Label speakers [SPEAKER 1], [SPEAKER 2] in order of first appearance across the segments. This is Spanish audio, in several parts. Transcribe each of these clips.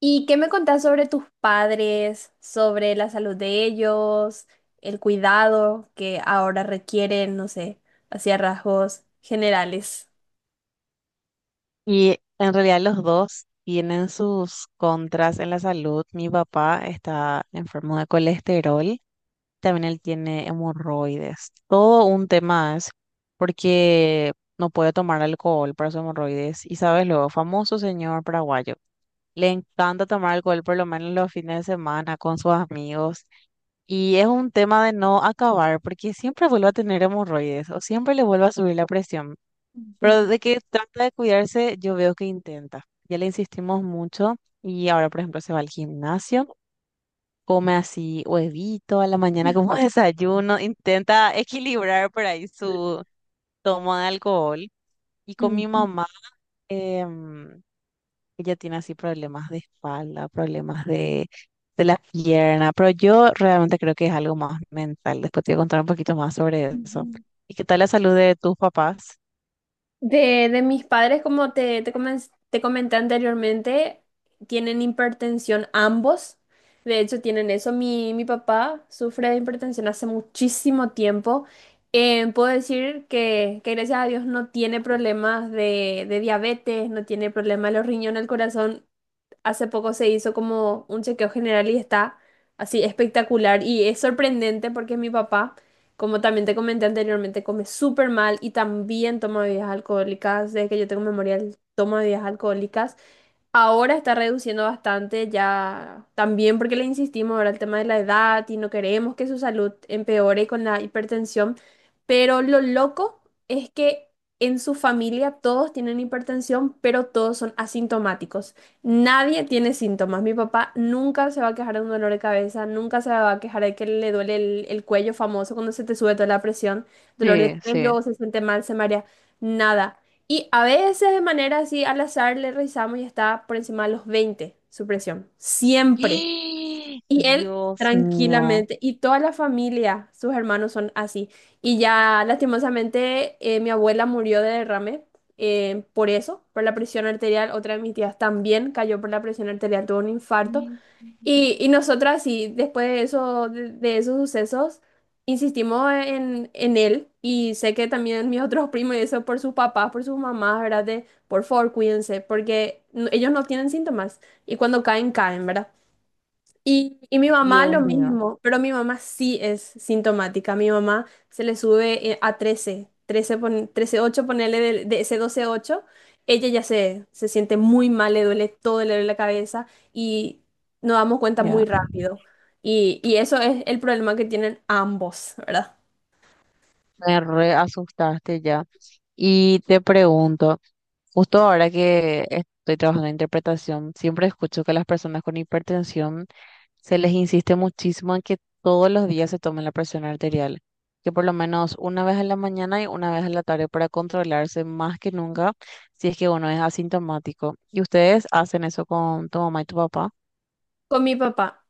[SPEAKER 1] ¿Y qué me contás sobre tus padres, sobre la salud de ellos, el cuidado que ahora requieren, no sé, hacia rasgos generales?
[SPEAKER 2] Y en realidad los dos tienen sus contras en la salud. Mi papá está enfermo de colesterol, también él tiene hemorroides. Todo un tema es porque no puede tomar alcohol para su hemorroides. Y sabes lo, famoso señor paraguayo. Le encanta tomar alcohol por lo menos los fines de semana con sus amigos. Y es un tema de no acabar porque siempre vuelve a tener hemorroides o siempre le vuelve a subir la presión. Pero
[SPEAKER 1] Ujú.
[SPEAKER 2] de que trata de cuidarse, yo veo que intenta. Ya le insistimos mucho y ahora, por ejemplo, se va al gimnasio, come así huevito a la mañana como desayuno, intenta equilibrar por ahí su toma de alcohol. Y con mi mamá, em, ella tiene así problemas de espalda, problemas de la pierna, pero yo realmente creo que es algo más mental. Después te voy a contar un poquito más sobre eso.
[SPEAKER 1] Mm.
[SPEAKER 2] ¿Y qué tal la salud de tus papás?
[SPEAKER 1] De mis padres, como te comenté anteriormente, tienen hipertensión ambos. De hecho, tienen eso. Mi papá sufre de hipertensión hace muchísimo tiempo. Puedo decir que gracias a Dios no tiene problemas de diabetes, no tiene problemas de los riñones, el corazón. Hace poco se hizo como un chequeo general y está así espectacular, y es sorprendente porque mi papá, como también te comenté anteriormente, come súper mal y también toma bebidas alcohólicas. Desde que yo tengo memoria, él toma bebidas alcohólicas. Ahora está reduciendo bastante ya, también porque le insistimos ahora el tema de la edad y no queremos que su salud empeore con la hipertensión, pero lo loco es que en su familia todos tienen hipertensión, pero todos son asintomáticos. Nadie tiene síntomas. Mi papá nunca se va a quejar de un dolor de cabeza, nunca se va a quejar de que le duele el cuello famoso cuando se te sube toda la presión, dolor de
[SPEAKER 2] Sí, sí.
[SPEAKER 1] cuello, se siente mal, se marea, nada. Y a veces de manera así al azar le revisamos y está por encima de los 20 su presión. Siempre.
[SPEAKER 2] ¡Eh!
[SPEAKER 1] Y él tranquilamente. Y toda la familia, sus hermanos son así. Y ya lastimosamente mi abuela murió de derrame, por eso, por la presión arterial. Otra de mis tías también cayó por la presión arterial, tuvo un infarto. Y nosotras sí, después de eso, de esos sucesos, insistimos en él, y sé que también mis otros primos y eso por sus papás, por sus mamás, ¿verdad? De, por favor, cuídense, porque ellos no tienen síntomas y cuando caen, caen, ¿verdad? Y mi mamá
[SPEAKER 2] Dios
[SPEAKER 1] lo
[SPEAKER 2] mío,
[SPEAKER 1] mismo, pero mi mamá sí es sintomática. Mi mamá se le sube a 13, 13, 13,8, ponerle de ese 12,8. Ella ya se siente muy mal, le duele todo, le duele la cabeza, y nos damos cuenta
[SPEAKER 2] ya,
[SPEAKER 1] muy rápido. Y eso es el problema que tienen ambos, ¿verdad?
[SPEAKER 2] me re asustaste ya. Y te pregunto, justo ahora que estoy trabajando en interpretación, siempre escucho que a las personas con hipertensión se les insiste muchísimo en que todos los días se tomen la presión arterial, que por lo menos una vez en la mañana y una vez en la tarde para controlarse más que nunca si es que uno es asintomático. ¿Y ustedes hacen eso con tu mamá y tu papá?
[SPEAKER 1] Con mi papá.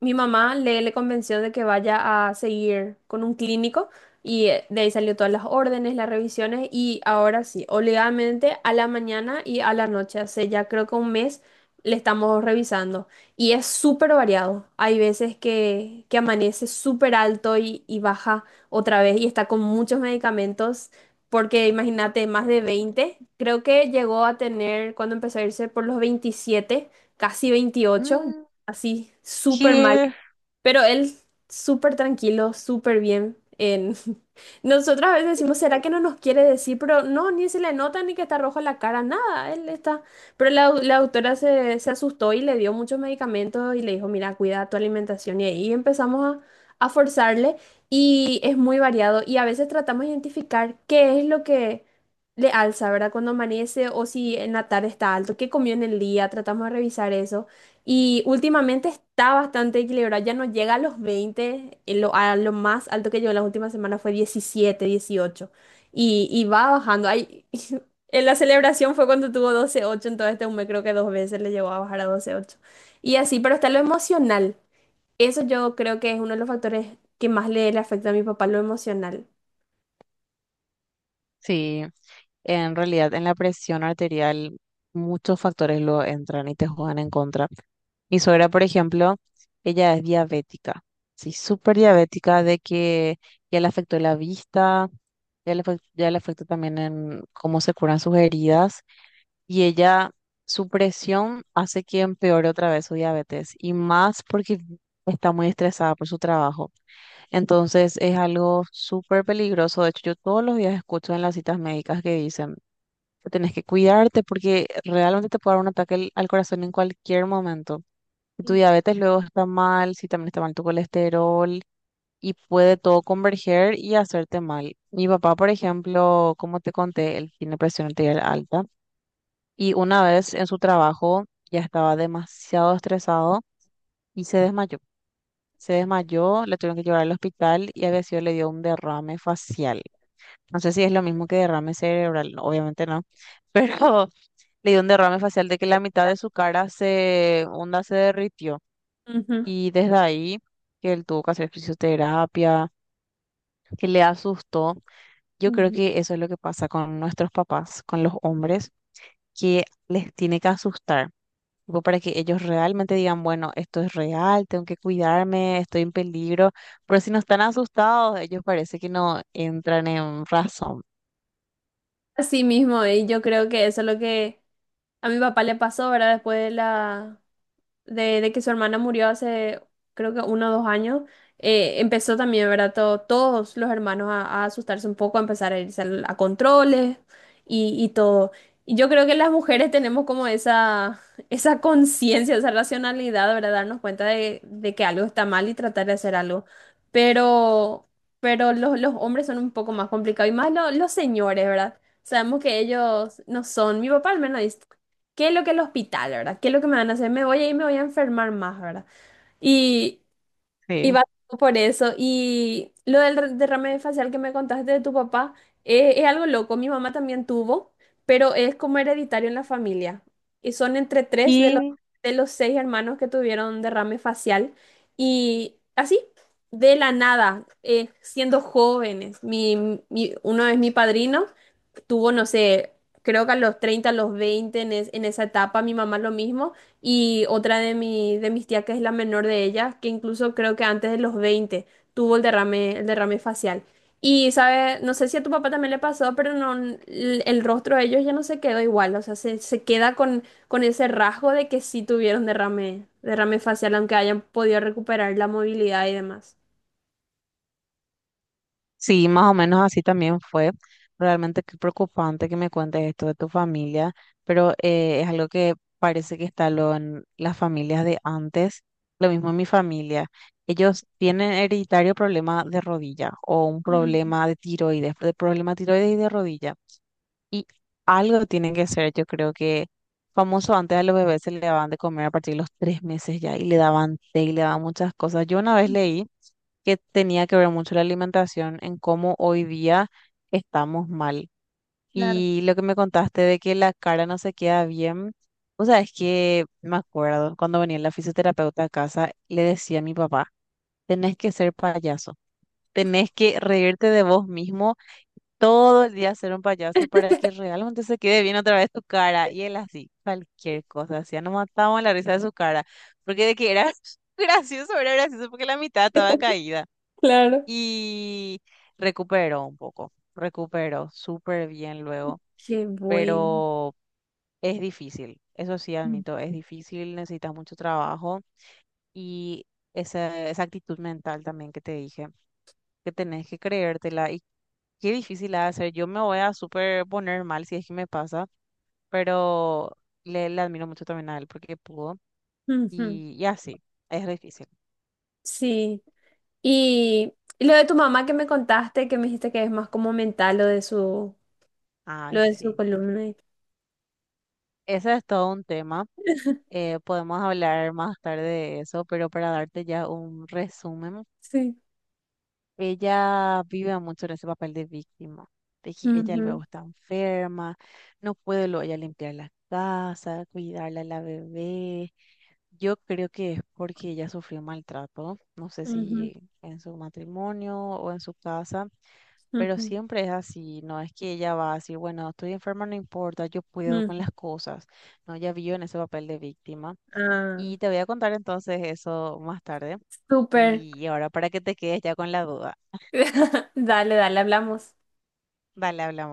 [SPEAKER 1] Mi mamá le, le convenció de que vaya a seguir con un clínico, y de ahí salió todas las órdenes, las revisiones, y ahora sí, obligadamente a la mañana y a la noche, hace ya creo que un mes le estamos revisando, y es súper variado. Hay veces que amanece súper alto y baja otra vez, y está con muchos medicamentos porque imagínate, más de 20. Creo que llegó a tener cuando empezó a irse por los 27, casi 28 así, súper mal.
[SPEAKER 2] Here.
[SPEAKER 1] Pero él súper tranquilo, súper bien. Nosotras a veces decimos, ¿será que no nos quiere decir? Pero no, ni se le nota ni que está rojo la cara, nada. Él está. Pero la autora se, se asustó y le dio muchos medicamentos y le dijo, mira, cuida tu alimentación. Y ahí empezamos a forzarle, y es muy variado. Y a veces tratamos de identificar qué es lo que le alza, ¿verdad? Cuando amanece o si en la tarde está alto, qué comió en el día, tratamos de revisar eso. Y últimamente está bastante equilibrado, ya no llega a los 20. A lo más alto que llegó en las últimas semanas fue 17, 18, y va bajando. Ay, en la celebración fue cuando tuvo 12,8. Entonces este mes creo que dos veces le llegó a bajar a 12,8. Y así, pero está lo emocional. Eso yo creo que es uno de los factores que más le, le afecta a mi papá, lo emocional.
[SPEAKER 2] Sí, en realidad en la presión arterial muchos factores lo entran y te juegan en contra. Mi suegra, por ejemplo, ella es diabética, sí, súper diabética de que ya le afectó la vista, ya le afectó también en cómo se curan sus heridas y ella, su presión hace que empeore otra vez su diabetes y más porque está muy estresada por su trabajo. Entonces es algo súper peligroso. De hecho, yo todos los días escucho en las citas médicas que dicen que tenés que cuidarte porque realmente te puede dar un ataque al corazón en cualquier momento. Si tu diabetes luego está mal, si también está mal tu colesterol y puede todo converger y hacerte mal. Mi papá, por ejemplo, como te conté, él tiene presión arterial alta y una vez en su trabajo ya estaba demasiado estresado y se desmayó. Se desmayó, le tuvieron que llevar al hospital y había sido, le dio un derrame facial. No sé si es lo mismo que derrame cerebral, no, obviamente no, pero le dio un derrame facial de que la mitad de su cara se, onda, se derritió.
[SPEAKER 1] Ujú.
[SPEAKER 2] Y desde ahí, que él tuvo que hacer fisioterapia, que le asustó. Yo creo
[SPEAKER 1] Ujú.
[SPEAKER 2] que eso es lo que pasa con nuestros papás, con los hombres, que les tiene que asustar, tipo, para que ellos realmente digan, bueno, esto es real, tengo que cuidarme, estoy en peligro. Pero si no están asustados, ellos parece que no entran en razón.
[SPEAKER 1] Así mismo, y yo creo que eso es lo que a mi papá le pasó, ¿verdad? Después de que su hermana murió hace creo que uno o dos años, empezó también, ¿verdad? Todos los hermanos a asustarse un poco, a empezar a irse controles y todo. Y yo creo que las mujeres tenemos como esa, esa conciencia, esa racionalidad, ¿verdad? Darnos cuenta de que algo está mal y tratar de hacer algo. Pero, pero los hombres son un poco más complicados, y más los señores, ¿verdad? Sabemos que ellos no son. Mi papá al menos dice, ¿qué es lo que el hospital, verdad? ¿Qué es lo que me van a hacer? Me voy a ir, me voy a enfermar más, ¿verdad? Y, y
[SPEAKER 2] Sí.
[SPEAKER 1] va todo por eso. Y lo del derrame facial que me contaste de tu papá, algo loco. Mi mamá también tuvo, pero es como hereditario en la familia. Y son entre tres
[SPEAKER 2] ¿Qué?
[SPEAKER 1] de los seis hermanos que tuvieron derrame facial. Y así, de la nada, siendo jóvenes. Uno es mi padrino, tuvo, no sé, creo que a los 30, a los 20, en esa etapa. Mi mamá lo mismo, y otra de mis tías, que es la menor de ellas, que incluso creo que antes de los 20 tuvo el derrame, facial. Y, sabe, no sé si a tu papá también le pasó, pero no, el rostro de ellos ya no se quedó igual, o sea, se queda con ese rasgo de que sí tuvieron derrame, derrame facial, aunque hayan podido recuperar la movilidad y demás.
[SPEAKER 2] Sí, más o menos así también fue. Realmente qué preocupante que me cuentes esto de tu familia, pero es algo que parece que está lo en las familias de antes. Lo mismo en mi familia. Ellos tienen hereditario problema de rodilla o un
[SPEAKER 1] Mm.
[SPEAKER 2] problema de tiroides, de problema de tiroides y de rodilla. Y algo tienen que ser, yo creo que famoso antes a los bebés se le daban de comer a partir de los 3 meses ya y le daban té y le daban muchas cosas. Yo una vez leí que tenía que ver mucho la alimentación en cómo hoy día estamos mal.
[SPEAKER 1] Claro.
[SPEAKER 2] Y lo que me contaste de que la cara no se queda bien, o sea, es que me acuerdo cuando venía la fisioterapeuta a casa, le decía a mi papá, tenés que ser payaso, tenés que reírte de vos mismo todo el día ser un payaso para que realmente se quede bien otra vez tu cara. Y él así, cualquier cosa, hacía, nos matábamos la risa de su cara, porque de que era gracioso, era gracioso porque la mitad estaba caída
[SPEAKER 1] Claro.
[SPEAKER 2] y recupero un poco, recupero súper bien luego,
[SPEAKER 1] Qué bueno.
[SPEAKER 2] pero es difícil, eso sí admito, es difícil, necesitas mucho trabajo y esa actitud mental también que te dije, que tenés que creértela y qué difícil ha de ser. Yo me voy a súper poner mal si es que me pasa, pero le admiro mucho también a él porque pudo y así, es difícil.
[SPEAKER 1] Sí. Y lo de tu mamá que me contaste, que me dijiste que es más como mental
[SPEAKER 2] Ay,
[SPEAKER 1] lo de su
[SPEAKER 2] sí.
[SPEAKER 1] columna.
[SPEAKER 2] Ese es todo un tema. Podemos hablar más tarde de eso, pero para darte ya un resumen,
[SPEAKER 1] Sí.
[SPEAKER 2] ella vive mucho en ese papel de víctima. De que ella
[SPEAKER 1] Ujú,
[SPEAKER 2] luego está enferma, no puede luego ella limpiar la casa, cuidarla a la bebé. Yo creo que es porque ella sufrió maltrato, no sé
[SPEAKER 1] ujú,
[SPEAKER 2] si en su matrimonio o en su casa, pero
[SPEAKER 1] ujú,
[SPEAKER 2] siempre es así, no es que ella va a decir, bueno, estoy enferma, no importa, yo puedo
[SPEAKER 1] ujú.
[SPEAKER 2] con las cosas. No, ella vive en ese papel de víctima
[SPEAKER 1] Ah,
[SPEAKER 2] y te voy a contar entonces eso más tarde.
[SPEAKER 1] súper.
[SPEAKER 2] Y ahora para que te quedes ya con la duda.
[SPEAKER 1] Dale, dale, hablamos.
[SPEAKER 2] Dale, hablamos.